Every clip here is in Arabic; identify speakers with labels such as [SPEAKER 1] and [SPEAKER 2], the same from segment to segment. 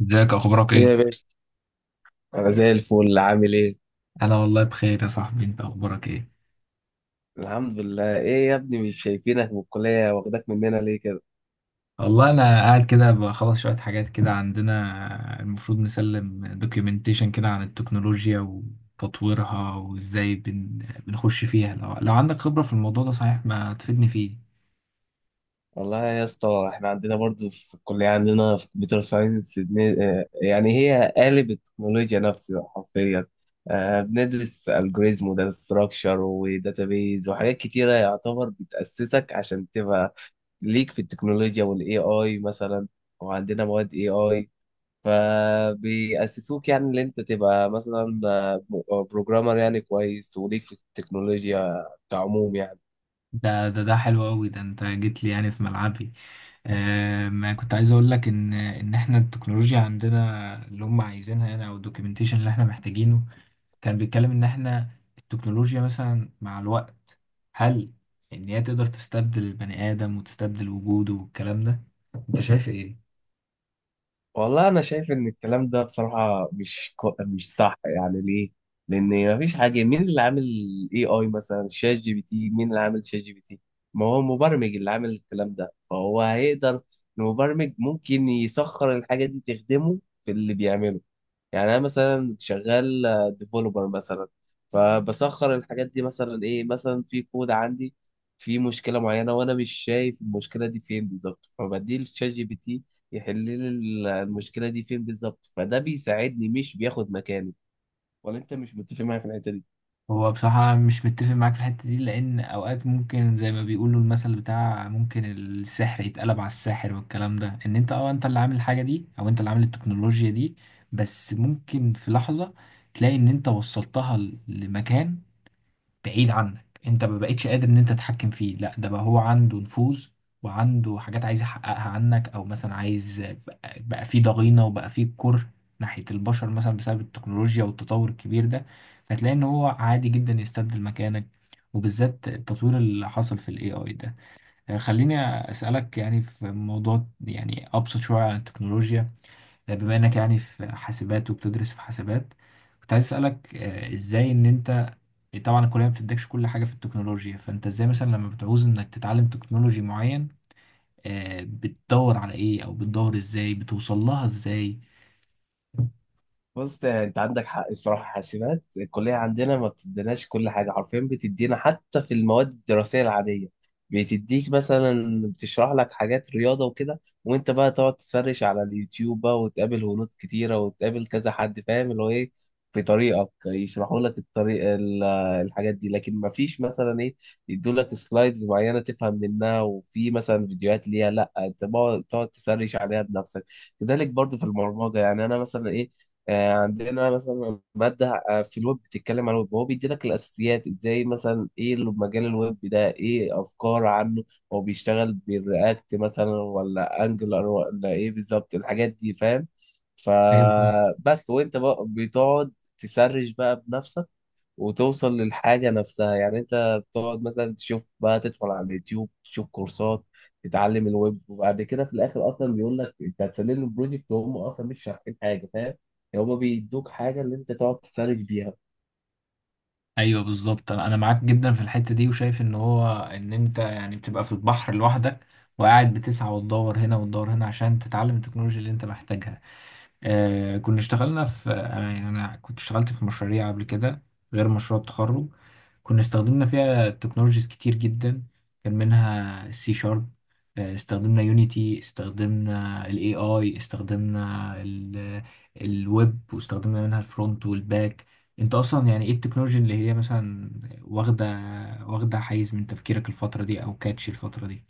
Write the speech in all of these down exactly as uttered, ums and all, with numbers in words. [SPEAKER 1] ازيك؟ اخبارك
[SPEAKER 2] ايه يا
[SPEAKER 1] ايه؟
[SPEAKER 2] باشا. انا زي الفل. عامل ايه؟
[SPEAKER 1] انا والله بخير يا صاحبي، انت اخبارك ايه؟
[SPEAKER 2] الحمد لله. ايه يا ابني، مش شايفينك من الكليه، واخداك مننا ليه كده؟
[SPEAKER 1] والله انا قاعد كده بخلص شويه حاجات كده، عندنا المفروض نسلم دوكيومنتيشن كده عن التكنولوجيا وتطويرها وازاي بن... بنخش فيها. لو... لو عندك خبره في الموضوع ده صحيح، ما تفيدني فيه.
[SPEAKER 2] والله يا اسطى احنا عندنا برضو في الكليه، عندنا في كمبيوتر ساينس بن- آه، يعني هي قالب التكنولوجيا نفسها حرفيا. آه، بندرس الجوريزم وداتا ستراكشر وداتابيز وحاجات كتيره، يعتبر بتاسسك عشان تبقى ليك في التكنولوجيا والاي اي مثلا. وعندنا مواد اي اي، فبيأسسوك يعني ان انت تبقى مثلا بروجرامر يعني كويس وليك في التكنولوجيا كعموم يعني.
[SPEAKER 1] ده ده ده حلو قوي، ده انت جيت لي يعني في ملعبي. آه، ما كنت عايز اقول لك ان ان احنا التكنولوجيا عندنا اللي هم عايزينها يعني، او الدوكيومنتيشن اللي احنا محتاجينه كان بيتكلم ان احنا التكنولوجيا مثلا مع الوقت، هل ان هي تقدر تستبدل البني ادم وتستبدل وجوده والكلام ده؟ انت شايف ايه؟
[SPEAKER 2] والله انا شايف ان الكلام ده بصراحة مش كو... مش صح يعني. ليه؟ لان مفيش حاجة. مين اللي عامل اي اي مثلا؟ شات جي بي تي، مين اللي عامل شات جي بي تي؟ ما هو المبرمج اللي عامل الكلام ده، فهو هيقدر. المبرمج ممكن يسخر الحاجة دي تخدمه في اللي بيعمله. يعني انا مثلا شغال ديفلوبر مثلا، فبسخر الحاجات دي. مثلا ايه؟ مثلا في كود عندي في مشكله معينه وانا مش شايف المشكله دي فين بالظبط، فبدي للشات جي بي تي يحل لي ال- المشكله دي فين بالظبط. فده بيساعدني، مش بياخد مكاني. ولا انت مش متفق معايا في الحته دي؟
[SPEAKER 1] هو بصراحة مش متفق معاك في الحتة دي، لأن أوقات ممكن زي ما بيقولوا المثل بتاع ممكن السحر يتقلب على الساحر، والكلام ده إن أنت أه أنت اللي عامل الحاجة دي، أو أنت اللي عامل التكنولوجيا دي. بس ممكن في لحظة تلاقي إن أنت وصلتها ل- لمكان بعيد عنك، انت ما بقتش قادر ان انت تتحكم فيه. لا، ده بقى هو عنده نفوذ، وعنده حاجات عايز يحققها عنك، او مثلا عايز بقى بقى فيه ضغينة، وبقى فيه كره ناحية البشر مثلا بسبب التكنولوجيا والتطور الكبير ده. فتلاقي ان هو عادي جدا يستبدل مكانك، وبالذات التطوير اللي حصل في الاي اي ده. يعني خليني اسالك يعني في موضوع يعني ابسط شويه عن التكنولوجيا، بما انك يعني في حاسبات وبتدرس في حاسبات. كنت عايز اسالك، آه، ازاي ان انت، طبعا الكليه ما بتدكش كل حاجه في التكنولوجيا، فانت ازاي مثلا لما بتعوز انك تتعلم تكنولوجي معين، آه، بتدور على ايه؟ او بتدور ازاي؟ بتوصل لها ازاي؟
[SPEAKER 2] بص، يعني انت عندك حق بصراحه. حاسبات الكليه عندنا ما بتديناش كل حاجه حرفيا. بتدينا حتى في المواد الدراسيه العاديه بتديك مثلا، بتشرح لك حاجات رياضه وكده، وانت بقى تقعد تسرش على اليوتيوب بقى، وتقابل هنود كتيره وتقابل كذا حد فاهم اللي هو ايه في طريقك، يشرحوا لك الطريق ال- الحاجات دي. لكن ما فيش مثلا ايه، يدوا لك سلايدز معينه تفهم منها وفي مثلا فيديوهات ليها، لا انت بقى تقعد تسرش عليها بنفسك. كذلك برضو في البرمجه. يعني انا مثلا ايه، آه، عندنا مثلا مادة آه، في الويب بتتكلم عن الويب. هو بيدي لك الأساسيات، إزاي مثلا، إيه اللي مجال الويب ده، إيه أفكار عنه، هو بيشتغل بالرياكت مثلا ولا أنجلر، ولا إيه بالظبط الحاجات دي فاهم.
[SPEAKER 1] ايوه طبعاً.
[SPEAKER 2] فبس وأنت بقى بتقعد تسرش بقى بنفسك، وتوصل للحاجة نفسها. يعني انت بتقعد مثلا تشوف بقى، تدخل على اليوتيوب تشوف كورسات تتعلم الويب، وبعد كده في الاخر اصلا بيقول لك انت هتسلم البروجكت، وهم اصلا مش شارحين حاجة فاهم. يعني هم بيدوك حاجة اللي انت تقعد تفرج بيها.
[SPEAKER 1] ايوه بالظبط، انا أنا معاك جدا في الحته دي، وشايف ان هو ان انت يعني بتبقى في البحر لوحدك، وقاعد بتسعى وتدور هنا وتدور هنا عشان تتعلم التكنولوجيا اللي انت محتاجها. آه، كنا اشتغلنا في انا يعني انا كنت اشتغلت في مشاريع قبل كده غير مشروع التخرج. كنا استخدمنا فيها تكنولوجيز كتير جدا، كان منها السي شارب، استخدمنا يونيتي، استخدمنا الاي اي، استخدمنا الويب، واستخدمنا منها الفرونت والباك. انت اصلا يعني ايه التكنولوجي اللي هي مثلا واخده واخده حيز من تفكيرك الفتره دي، او كاتش الفتره دي؟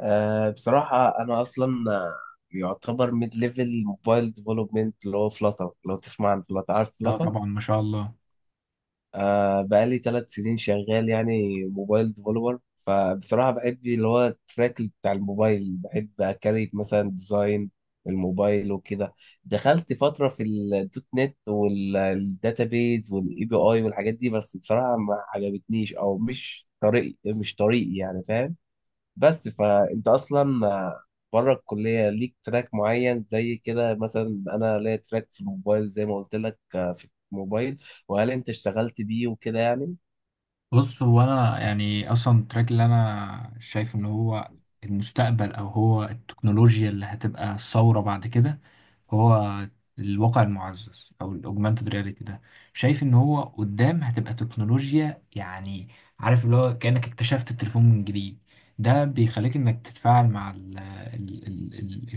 [SPEAKER 2] آه بصراحة انا اصلا آه، يعتبر ميد ليفل موبايل ديفلوبمنت، اللي هو فلاتر. لو تسمع عن فلاتر، عارف
[SPEAKER 1] اه
[SPEAKER 2] فلاتر؟
[SPEAKER 1] طبعا ما شاء الله.
[SPEAKER 2] آه، بقالي ثلاث سنين شغال يعني موبايل ديفلوبر. فبصراحة بحب اللي هو التراك بتاع الموبايل، بحب أكريت مثلا ديزاين الموبايل وكده. دخلت فترة في الدوت نت والداتابيز والاي بي اي والحاجات دي، بس بصراحة ما عجبتنيش او مش طريقي، مش طريقي يعني فاهم. بس فانت اصلا آه، بره الكليه ليك تراك معين زي كده. مثلا انا ليا تراك في الموبايل زي ما قلت لك، آه، في الموبايل. وهل انت اشتغلت بيه وكده يعني؟
[SPEAKER 1] بص، هو انا يعني اصلا التراك اللي انا شايف ان هو المستقبل، او هو التكنولوجيا اللي هتبقى الثوره بعد كده، هو الواقع المعزز او الاوجمانتد رياليتي ده. شايف ان هو قدام هتبقى تكنولوجيا يعني، عارف اللي هو كانك اكتشفت التليفون من جديد. ده بيخليك انك تتفاعل مع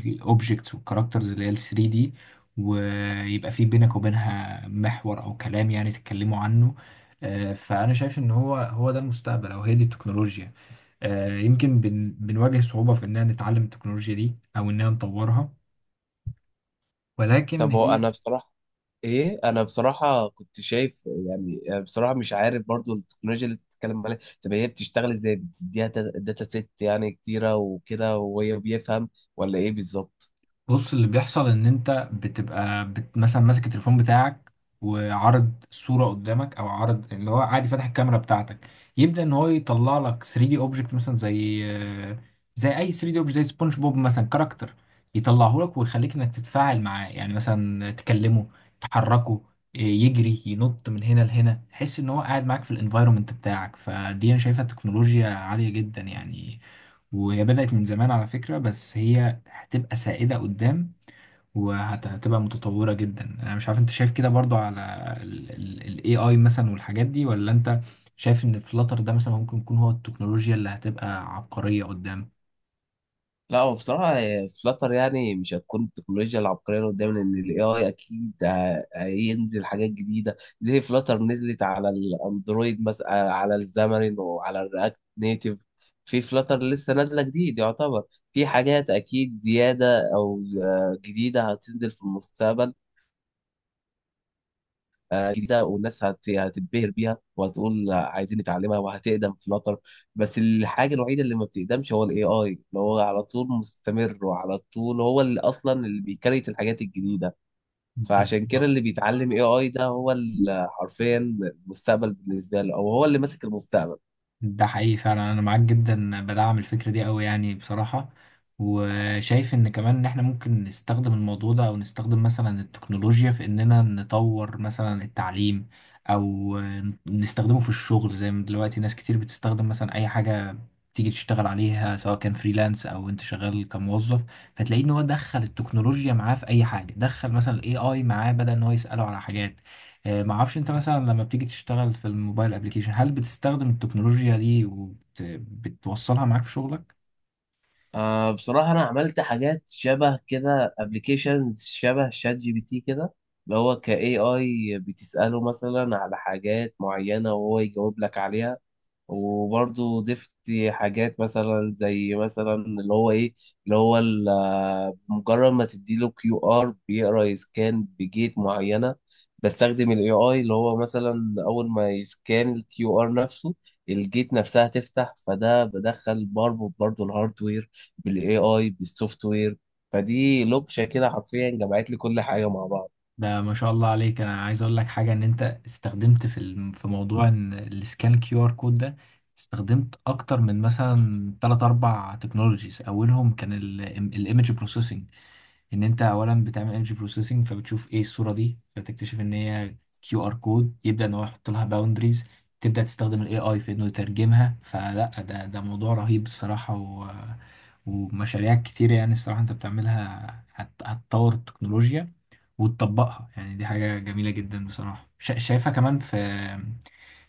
[SPEAKER 1] الاوبجكتس والكاركترز اللي هي ال ثري دي، ويبقى في بينك وبينها محور او كلام يعني تتكلموا عنه. آه، فأنا شايف إن هو هو ده المستقبل، أو هي دي التكنولوجيا. آه، يمكن بن بنواجه صعوبة في إننا نتعلم التكنولوجيا دي أو إننا نطورها، ولكن
[SPEAKER 2] طب هو
[SPEAKER 1] هي...
[SPEAKER 2] انا بصراحه ايه، انا بصراحه كنت شايف يعني آه، بصراحه مش عارف برضو التكنولوجيا اللي بتتكلم عليها. طب هي بتشتغل ازاي؟ بتديها تا- داتا سيت يعني كتيره وكده، وهي بيفهم ولا ايه بالظبط؟
[SPEAKER 1] بص، اللي بيحصل ان انت بتبقى بت مثلا ماسك التليفون بتاعك، وعرض صورة قدامك او عرض اللي هو عادي فاتح الكاميرا بتاعتك، يبدأ ان هو يطلع لك ثري دي اوبجكت مثلا، زي زي اي ثري دي اوبجكت زي سبونج بوب مثلا كاركتر، يطلعه لك ويخليك انك تتفاعل معاه، يعني مثلا تكلمه، تحركه، يجري، ينط من هنا لهنا، تحس ان هو قاعد معاك في الانفايرومنت بتاعك. فدي انا شايفها تكنولوجيا عالية جدا يعني، وهي بدأت من زمان على فكرة، بس هي هتبقى سائدة قدام وهتبقى متطورة جدا. انا مش عارف انت شايف كده برضو على ال ال- ال ايه اي مثلا والحاجات دي، ولا انت شايف ان فلاتر ده مثلا ممكن يكون هو التكنولوجيا اللي هتبقى عبقرية قدام؟
[SPEAKER 2] لا، هو بصراحة فلاتر يعني مش هتكون التكنولوجيا العبقرية اللي قدام، لأن ال إيه آي أكيد ه- هينزل حاجات جديدة. زي فلاتر نزلت على الأندرويد مثلا، على الزامرين وعلى الرياكت نيتيف. في فلاتر لسه نازلة جديد يعتبر. في حاجات أكيد زيادة أو آه، جديدة هتنزل في المستقبل. آه، جديده، والناس هت- هتتبهر بيها وهتقول عايزين نتعلمها، وهتقدم فلاتر. بس الحاجه الوحيده اللي ما بتقدمش هو الاي اي، اللي هو على طول مستمر، وعلى طول هو اللي اصلا اللي بيكريت الحاجات الجديده. فعشان كده
[SPEAKER 1] بالظبط.
[SPEAKER 2] اللي بيتعلم اي اي ده هو ال- حرفيا المستقبل بالنسبه له، او هو اللي ماسك المستقبل.
[SPEAKER 1] ده حقيقي فعلا، انا معاك جدا، بدعم الفكره دي قوي يعني بصراحه. وشايف ان كمان ان احنا ممكن نستخدم الموضوع ده، او نستخدم مثلا التكنولوجيا في اننا نطور مثلا التعليم، او نستخدمه في الشغل زي ما دلوقتي ناس كتير بتستخدم مثلا اي حاجه تيجي تشتغل عليها، سواء كان فريلانس او انت شغال كموظف. فتلاقيه ان هو دخل التكنولوجيا معاه في اي حاجه، دخل مثلا الاي اي معاه بدل ان هو يساله على حاجات. آه، ما اعرفش انت مثلا لما بتيجي تشتغل في الموبايل ابليكيشن هل بتستخدم التكنولوجيا دي وبتوصلها معاك في شغلك؟
[SPEAKER 2] آه بصراحه انا عملت حاجات شبه كده. ابلكيشنز شبه شات جي بي تي كده، اللي هو كاي اي بتساله مثلا على حاجات معينه وهو يجاوب لك عليها. وبرضه ضفت حاجات مثلا، زي مثلا اللي هو ايه، اللي هو ال- مجرد ما تديله كيو ار بيقرا يسكان بجيت معينه. بستخدم الاي اي اللي هو مثلا اول ما يسكان الكيو ار نفسه الجيت نفسها تفتح. فده بدخل بربط برضه الهاردوير بالاي اي بالسوفت وير. فدي لوكشه كده حرفيا جمعت لي كل حاجه مع بعض.
[SPEAKER 1] ده ما شاء الله عليك. انا عايز اقول لك حاجه، ان انت استخدمت في الم- في موضوع إن السكان كيو ار كود ده، استخدمت اكتر من مثلا ثلاث أربع تكنولوجيز، اولهم كان الايمج بروسيسنج. ان انت اولا بتعمل ايمج بروسيسنج فبتشوف ايه الصوره دي، فتكتشف ان هي كيو ار كود، يبدا ان هو يحط لها باوندريز، تبدا تستخدم الاي اي في انه يترجمها. فلا، ده ده موضوع رهيب الصراحه. و... ومشاريع كتير يعني الصراحه انت بتعملها هت... هتطور التكنولوجيا وتطبقها، يعني دي حاجه جميله جدا بصراحه. شا... شايفها كمان في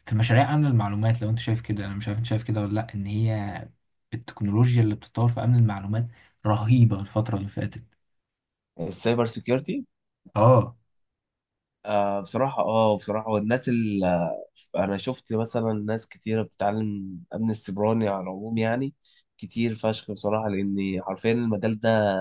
[SPEAKER 1] في مشاريع امن المعلومات، لو انت شايف كده. انا مش عارف انت شايف كده ولا لا، ان هي التكنولوجيا اللي بتتطور في امن المعلومات رهيبه الفتره اللي فاتت.
[SPEAKER 2] السايبر سيكيورتي.
[SPEAKER 1] اه.
[SPEAKER 2] آه بصراحة، اه بصراحة والناس اللي انا شفت مثلا، ناس كتيرة بتتعلم امن السيبراني على العموم، يعني كتير فشخ بصراحة، لان حرفيا المجال ده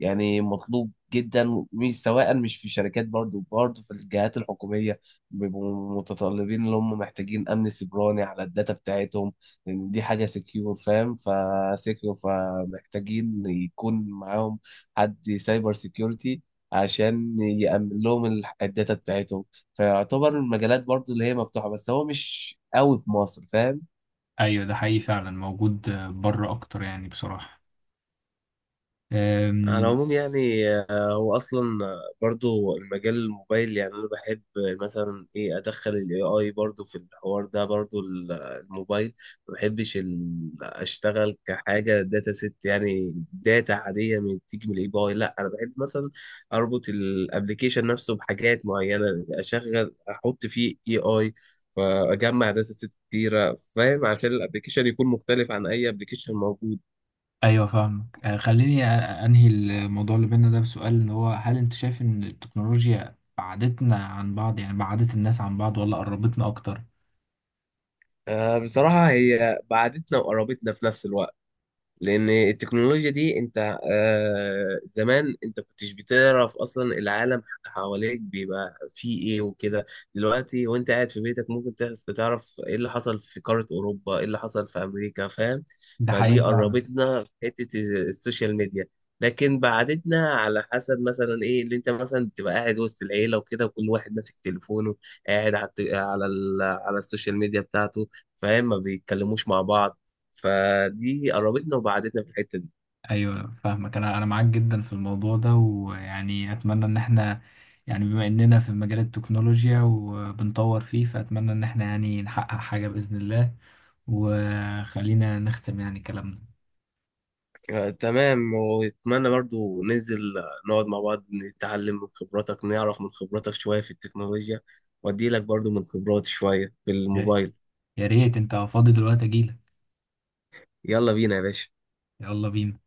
[SPEAKER 2] يعني مطلوب جدا. مش سواء، مش في الشركات، برضو برضو في الجهات الحكومية بيبقوا متطلبين، اللي هم محتاجين امن سيبراني على الداتا بتاعتهم، لان دي حاجة سكيور فاهم، فسكيور، فمحتاجين يكون معاهم حد سايبر سيكيورتي عشان يأمن لهم ال- الداتا بتاعتهم. فيعتبر المجالات برضو اللي هي مفتوحة، بس هو مش قوي في مصر فاهم.
[SPEAKER 1] ايوه ده حقيقي فعلا موجود، بره اكتر يعني بصراحه.
[SPEAKER 2] على
[SPEAKER 1] أم،
[SPEAKER 2] العموم يعني آه، هو اصلا آه، برضو المجال الموبايل. يعني انا بحب آه، مثلا ايه، ادخل الاي اي برضو في الحوار ده، برضو ال- آه، الموبايل ما بحبش ال- اشتغل كحاجه داتا ست، يعني داتا عاديه من تيجي من الاي اي، لا انا بحب مثلا اربط الابلكيشن نفسه بحاجات معينه، اشغل احط فيه اي اي، فاجمع داتا ست كتيره فاهم، عشان الابلكيشن يكون مختلف عن اي ابلكيشن موجود.
[SPEAKER 1] ايوه فاهمك. أه، خليني أ- انهي الموضوع اللي بينا ده بسؤال، اللي هو هل انت شايف ان التكنولوجيا بعدتنا عن بعض يعني بعدت الناس عن بعض، ولا قربتنا اكتر؟
[SPEAKER 2] آه، بصراحة هي بعدتنا وقربتنا في نفس الوقت. لان التكنولوجيا دي، انت آه زمان انت كنتش بتعرف اصلا العالم حواليك بيبقى فيه ايه وكده. دلوقتي وانت قاعد في بيتك، ممكن تحس- تعرف ايه اللي حصل في قارة اوروبا، ايه اللي حصل في امريكا فاهم.
[SPEAKER 1] ده حقيقي
[SPEAKER 2] فدي
[SPEAKER 1] فعلا.
[SPEAKER 2] قربتنا في حتة السوشيال ميديا. لكن بعدتنا على حسب مثلا ايه، اللي انت مثلا بتبقى قاعد وسط العيلة وكده، وكل واحد ماسك تليفونه، قاعد على الت- على ال- على السوشيال ميديا بتاعته فاهم، ما بيتكلموش مع بعض. فدي قربتنا وبعدتنا في الحتة دي.
[SPEAKER 1] ايوه فاهمك، انا انا معاك جدا في الموضوع ده، ويعني اتمنى ان احنا يعني، بما اننا في مجال التكنولوجيا وبنطور فيه، فاتمنى ان احنا يعني نحقق حاجه باذن الله. وخلينا نختم يعني كلامنا.
[SPEAKER 2] آه، تمام. واتمنى برضو ننزل آه، نقعد مع بعض، نتعلم من خبراتك، نعرف من خبراتك شوية في التكنولوجيا، وادي لك برضو من خبراتي شوية في الموبايل.
[SPEAKER 1] يا ريت انت فاضي دلوقتي اجيلك.
[SPEAKER 2] يلا بينا يا باشا.
[SPEAKER 1] يلا بينا.